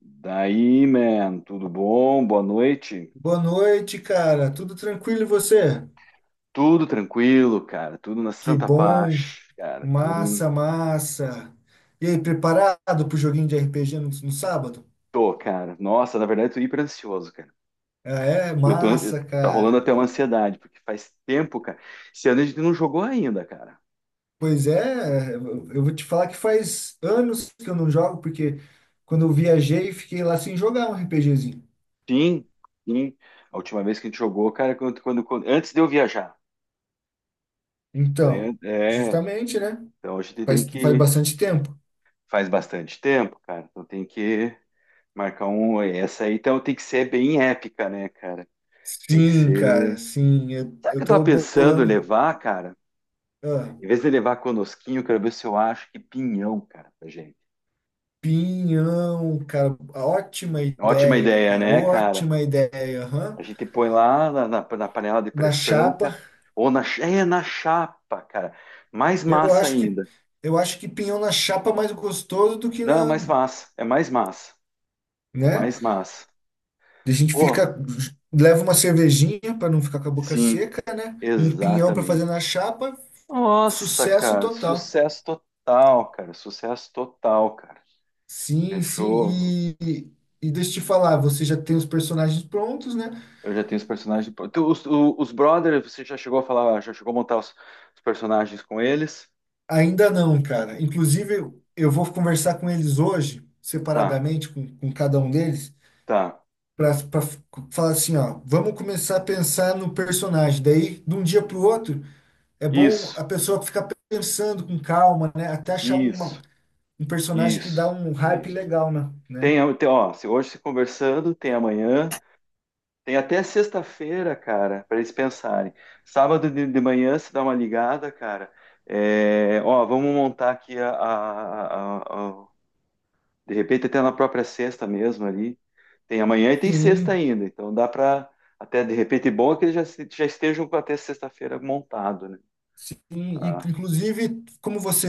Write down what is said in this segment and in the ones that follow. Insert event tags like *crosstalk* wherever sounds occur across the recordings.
Daí, man, tudo bom? Boa noite. Boa noite, cara. Tudo tranquilo e você? Tudo tranquilo, cara. Tudo na Que santa bom. paz, cara. Tudo. Massa, massa. E aí, preparado pro joguinho de RPG no sábado? Tô, cara. Nossa, na verdade, eu tô hiper ansioso, cara. Ah, é? Massa, Tá rolando cara. até uma ansiedade, porque faz tempo, cara. Esse ano a gente não jogou ainda, cara. Pois é, eu vou te falar que faz anos que eu não jogo, porque quando eu viajei, fiquei lá sem jogar um RPGzinho. Sim, sim. A última vez que a gente jogou, cara, antes de eu viajar. Então, É. justamente, né? Então a gente tem Faz que. bastante tempo. Faz bastante tempo, cara. Então tem que marcar um. Essa aí, então tem que ser bem épica, né, cara? Tem que Sim, cara, ser. sim. Eu, Sabe o que eu eu tô tava pensando em bolando. levar, cara? Ah. Em vez de levar conosquinho, eu quero ver se eu acho que pinhão, cara, pra gente. Pinhão, Ótima ideia, cara, né, cara? ótima ideia, aham. A gente põe lá na panela de Na pressão, chapa, cara. Ou na chapa, cara. Mais eu massa acho que ainda. eu acho que pinhão na chapa é mais gostoso do que Não, é na, mais massa. É mais massa. É né? mais massa. A gente Pô, fica leva uma cervejinha para não ficar com a boca sim, seca, um pinhão para fazer exatamente. na chapa, Nossa, sucesso cara, total. sucesso total, cara. Sucesso total, cara. Sim, sim. Fechou. E deixa eu te falar, você já tem os personagens prontos, né? Eu já tenho os personagens. Os brothers, você já chegou a falar, já chegou a montar os personagens com eles? Ainda não, cara. Inclusive, eu vou conversar com eles hoje, Tá, separadamente, com cada um deles, tá. para falar assim, ó, vamos começar a pensar no personagem. Daí, de um dia para o outro, é bom Isso, a pessoa ficar pensando com calma, né? Até achar uma, isso, um personagem que dá isso, um hype isso. legal, né? né? Tem, ó, se hoje se conversando, tem amanhã, tem até sexta-feira, cara, para eles pensarem. Sábado de manhã se dá uma ligada, cara. É, ó, vamos montar aqui a- De repente, até na própria sexta mesmo ali. Tem amanhã e tem sexta Sim, ainda. Então dá para. Até de repente, bom é que eles já, já estejam com até sexta-feira montado, né? Sim, e- Ah, inclusive, como você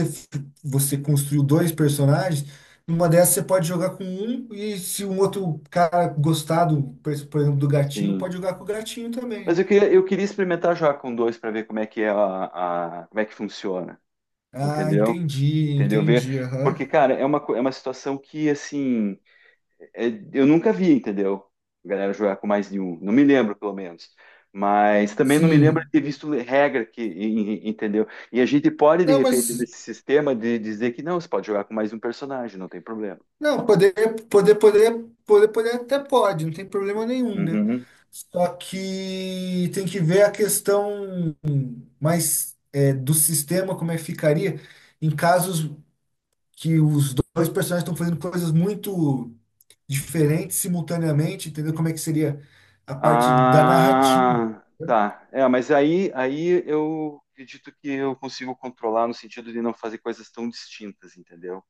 você construiu dois personagens, numa dessas você pode jogar com um, e se um outro cara gostar do, por exemplo, do gatinho, sim. pode jogar com o gatinho também. Eu queria experimentar já com dois para ver como é que funciona. Ah, Entendeu? entendi, Entendeu? Ver. entendi, Porque, aham. cara, é é uma situação que, assim. É, eu nunca vi, entendeu? A galera jogar com mais de um. Não me lembro, pelo menos. Mas também não me lembro de Sim. ter visto regra que, entendeu? E a gente pode, de Não, repente, mas nesse sistema, de dizer que não, você pode jogar com mais um personagem, não tem problema. não, poder, poder, poder, poder, poder até pode, não tem problema nenhum, né? Uhum. Só que tem que ver a questão mais é, do sistema, como é que ficaria em casos. Que os dois personagens estão fazendo coisas muito diferentes simultaneamente, entendeu? Como é que seria a parte da narrativa? Ah, tá. É, mas aí eu acredito que eu consigo controlar no sentido de não fazer coisas tão distintas, entendeu?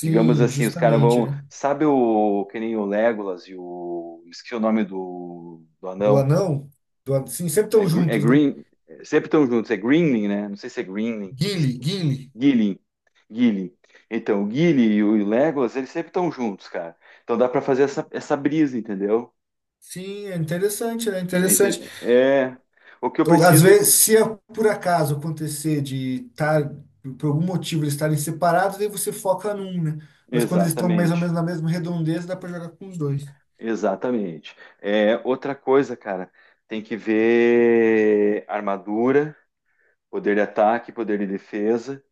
Digamos assim, os caras justamente, vão. né? Sabe o que nem o Legolas e o. Esqueci o nome do, do Do anão. anão, do an... sim, sempre estão juntos, né? Green. Sempre estão juntos. É Greenling, né? Não sei se é Greenling. Gimli, Gimli. Gilling. Gilling. Então, o Gilly e o Legolas, eles sempre estão juntos, cara. Então dá pra fazer essa, essa brisa, entendeu? Sim, é interessante, né? Interessante. É o que eu Ou às preciso. vezes, se é por acaso acontecer de estar, por algum motivo, eles estarem separados, aí você foca num, né? Mas quando eles estão mais ou Exatamente. menos na mesma redondeza, dá para jogar com os dois. Exatamente. É outra coisa, cara. Tem que ver armadura, poder de ataque, poder de defesa.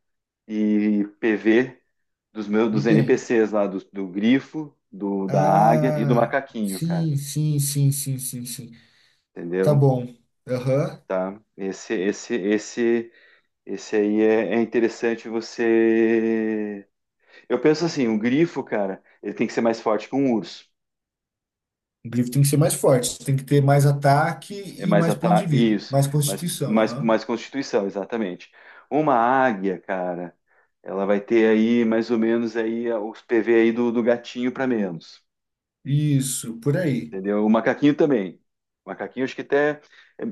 E PV dos meus De dos quem? NPCs lá, do, do grifo, do da águia e do Ah, macaquinho, cara. sim, sim, sim, sim, sim, sim. Tá Entendeu? bom. Aham. Tá? Esse aí é, é interessante você. Eu penso assim, o grifo, cara, ele tem que ser mais forte que um urso. O grifo tem que ser mais forte, tem que ter mais ataque É e mais mais ponto de ataque, vida, isso, mais mais, constituição, mais, aham. mais constituição, exatamente. Uma águia, cara, ela vai ter aí mais ou menos aí os PV aí do, do gatinho para menos. Isso, por aí. Entendeu? O macaquinho também. O macaquinho, acho que até.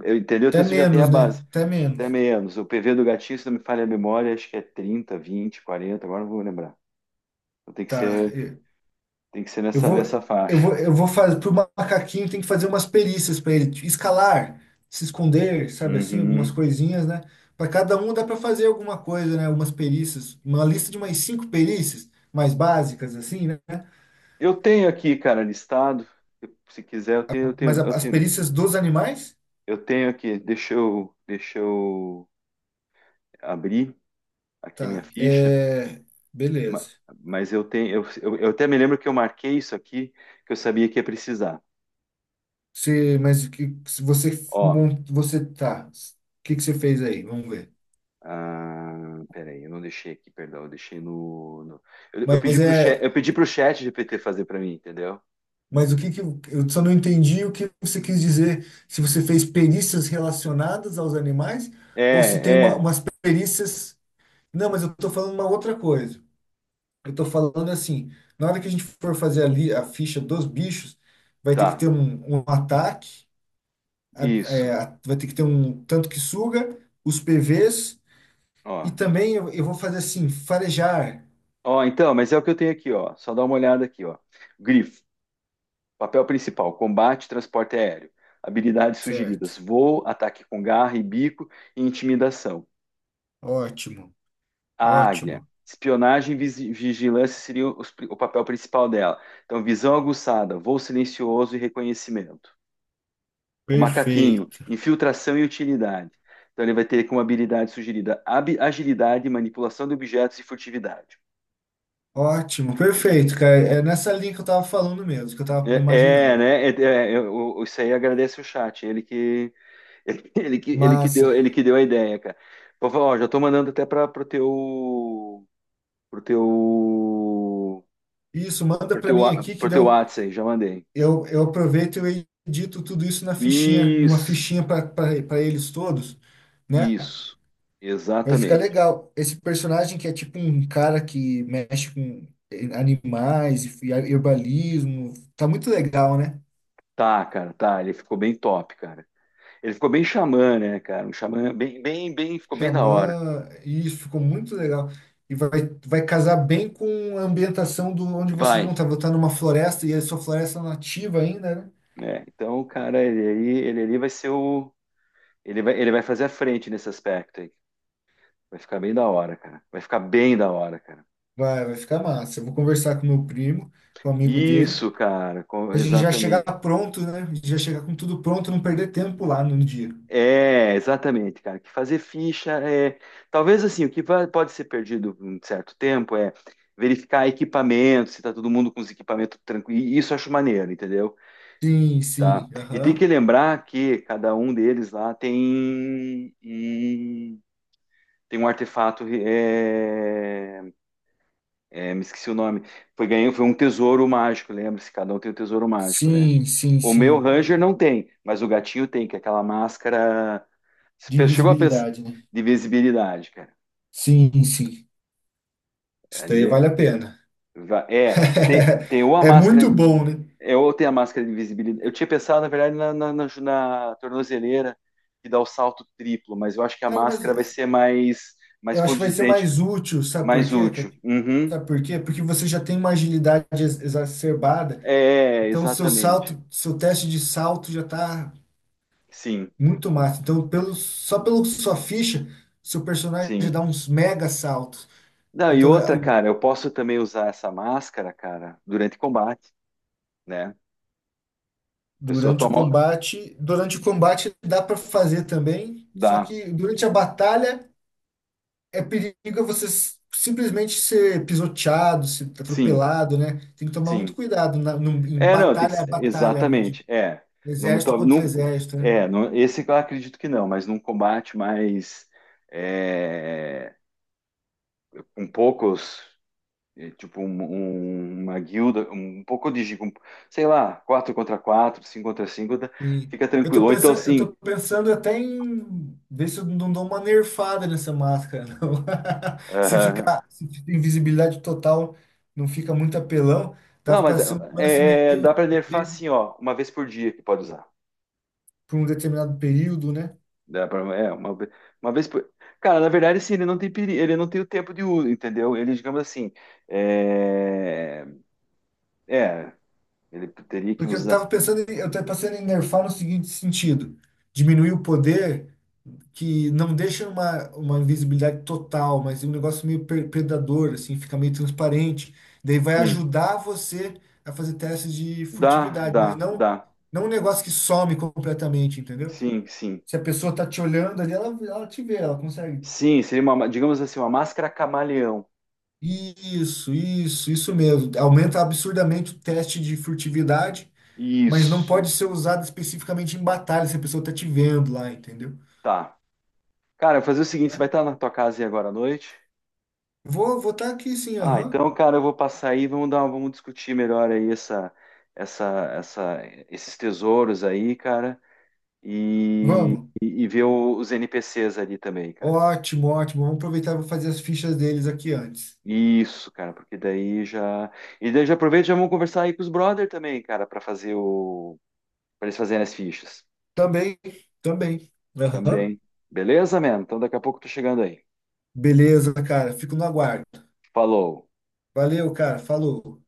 Entendeu? Então Até você já tem a menos, base. né? Até Até menos. menos. O PV do gatinho, se não me falha a memória, acho que é 30, 20, 40. Agora não vou lembrar. Então Tá. Tem que ser eu nessa, vou, nessa eu faixa. vou, eu vou fazer. Pro macaquinho tem que fazer umas perícias para ele, tipo, escalar, se esconder, sabe assim, algumas Uhum. coisinhas, né? Para cada um dá para fazer alguma coisa, né? Algumas perícias, uma lista de umas cinco perícias mais básicas, assim, né? Eu tenho aqui, cara, listado. Se quiser, Mas a- as perícias dos animais? eu tenho aqui. Deixa eu abrir aqui minha Tá. ficha. É, Ma- beleza. Mas eu tenho, eu até me lembro que eu marquei isso aqui, que eu sabia que ia precisar. Você, mas o que, se você Ó, mon- você tá. O que que você fez aí? Vamos ver. Ah, peraí, eu não deixei aqui, perdão, eu deixei Eu, Mas é, eu pedi pro chat GPT fazer para mim, entendeu? mas o que que eu só não entendi o que você quis dizer. Se você fez perícias relacionadas aos animais ou se tem É, uma, é, umas perícias. Não, mas eu tô falando uma outra coisa. Eu tô falando assim, na hora que a gente for fazer ali a ficha dos bichos, vai ter que tá, ter um, um ataque a- é, isso. a- vai ter que ter um tanto que suga, os PVs, Ó, e também eu vou fazer assim, farejar. ó, então, mas é o que eu tenho aqui, ó. Só dá uma olhada aqui, ó. Grifo, papel principal, combate, transporte aéreo. Habilidades Certo. sugeridas: voo, ataque com garra e bico e intimidação. Ótimo, A águia, ótimo. espionagem e vigilância seriam o papel principal dela. Então, visão aguçada, voo silencioso e reconhecimento. O macaquinho, Perfeito. infiltração e utilidade. Então ele vai ter como habilidade sugerida agilidade, manipulação de objetos e furtividade. Ótimo, perfeito, cara. É nessa linha que eu tava falando mesmo, que eu tava me imaginando. É, isso aí agradece o chat. *laughs* Massa. Ele que deu a ideia, cara. Vou falar, ó, já tô mandando até para pro teu, pro teu, Isso, manda pra mim aqui que pro teu deu. WhatsApp aí, já mandei. Eu aproveito e eu edito tudo isso na fichinha, numa Isso, fichinha para eles todos, né? isso, Vai ficar exatamente. legal. Esse personagem que é tipo um cara que mexe com animais e herbalismo. Tá muito legal, né? Tá, cara, tá. Ele ficou bem top, cara. Ele ficou bem xamã, né, cara? Um xamã bem, ficou bem da hora. Xamã, isso ficou muito legal. E vai casar bem com a ambientação do onde vocês Vai, vão estar. Vou estar numa floresta e é sua floresta nativa ainda, né? né? Então, o cara, ele ali vai ser o. Ele vai fazer a frente nesse aspecto aí. Vai ficar bem da hora, cara. Vai ficar bem da hora, cara. Vai, vai ficar massa. Eu vou conversar com meu primo, com o amigo dele. Isso, cara, A gente já chegar exatamente. pronto, né? A gente já chegar com tudo pronto, não perder tempo lá no dia. É, exatamente, cara. Que fazer ficha é. Talvez assim, o que pode ser perdido um certo tempo é verificar equipamento, se tá todo mundo com os equipamentos tranquilos. Isso eu acho maneiro, entendeu? Sim, Tá. sim. E tem que Aham. lembrar que cada um deles lá tem um artefato. Me esqueci o nome. Foi, ganhou, foi um tesouro mágico, lembra-se? Cada um tem um tesouro mágico, né? Sim, sim, O meu Ranger sim. não tem, mas o gatinho tem, que é aquela máscara. De Chegou a pensar invisibilidade, né? de visibilidade, cara. Sim, sim. Isso daí Ali vale a pena. *laughs* Tem ou a É máscara. muito bom, né? Eu tenho a máscara de invisibilidade. Eu tinha pensado, na verdade, na, tornozeleira que dá o salto triplo, mas eu acho que a Cara, mas máscara vai ser mais, mais eu acho que vai ser condizente, mais útil, sabe por mais quê? Cara? útil. Uhum. Sabe por quê? Porque você já tem uma agilidade ex- exacerbada, É, então seu exatamente. salto, seu teste de salto já tá Sim, muito massa. Então, pelo, só pela sua ficha, seu personagem já sim. dá uns mega saltos. Não, e Então, é, outra, o- cara, eu posso também usar essa máscara, cara, durante combate, né? A pessoa toma. Durante o combate dá para fazer também, só Dá. que durante a batalha é perigo você s- simplesmente ser pisoteado, ser Sim, atropelado, né? Tem que tomar sim. muito cuidado na- num- em É, não, tem que, batalha a batalha, né? De exatamente. É, num, exército to- contra num- exército, né? é, esse eu acredito que não, mas num combate mais é, com poucos, é, tipo uma guilda, um pouco de, sei lá, quatro contra quatro, cinco contra cinco, E fica eu tô tranquilo. Ou então pensando, eu tô assim, pensando até em ver se eu não dou uma nerfada nessa máscara, não. *laughs* Se aham. ficar, se fica invisibilidade total, não fica muito apelão, não, dava mas para ser um lance meio dá para nerfar assim, ó, uma vez por dia que pode usar. por um determinado período, né? Dá pra, é, uma, ve- uma vez por. Cara, na verdade, assim, ele não tem peri, ele não tem o tempo de uso, entendeu? Ele, digamos assim, é, é, ele teria que Porque eu usar. tava pensando, em- eu tava pensando em nerfar no seguinte sentido: diminuir o poder que não deixa uma invisibilidade total, mas um negócio meio per- predador, assim, fica meio transparente. Daí vai Sim, ajudar você a fazer testes de dá, furtividade, mas dá, não, dá. não um negócio que some completamente, entendeu? Sim, sim. Se a pessoa tá te olhando ali, ela te vê, ela consegue. Sim, seria uma, digamos assim, uma máscara camaleão. Isso mesmo. Aumenta absurdamente o teste de furtividade, mas não Isso, pode ser usado especificamente em batalha se a pessoa tá te vendo lá, entendeu? tá. Cara, eu vou fazer o seguinte, você vai É. estar na tua casa aí agora à noite? Vou, vou estar aqui sim, Ah, aham. então, cara, eu vou passar aí, vamos dar, vamos discutir melhor aí essa, essa, esses tesouros aí, cara. E, Vamos. E ver os NPCs ali também, cara. Ótimo, ótimo. Vamos aproveitar e vou fazer as fichas deles aqui antes. Isso, cara, porque daí já. E daí já aproveita e já vamos conversar aí com os brother também, cara, pra fazer o. Pra eles fazerem as fichas Também, também. Aham. também. Beleza, mano? Então daqui a pouco eu tô chegando aí. Beleza, cara. Fico no aguardo. Falou. Valeu, cara. Falou.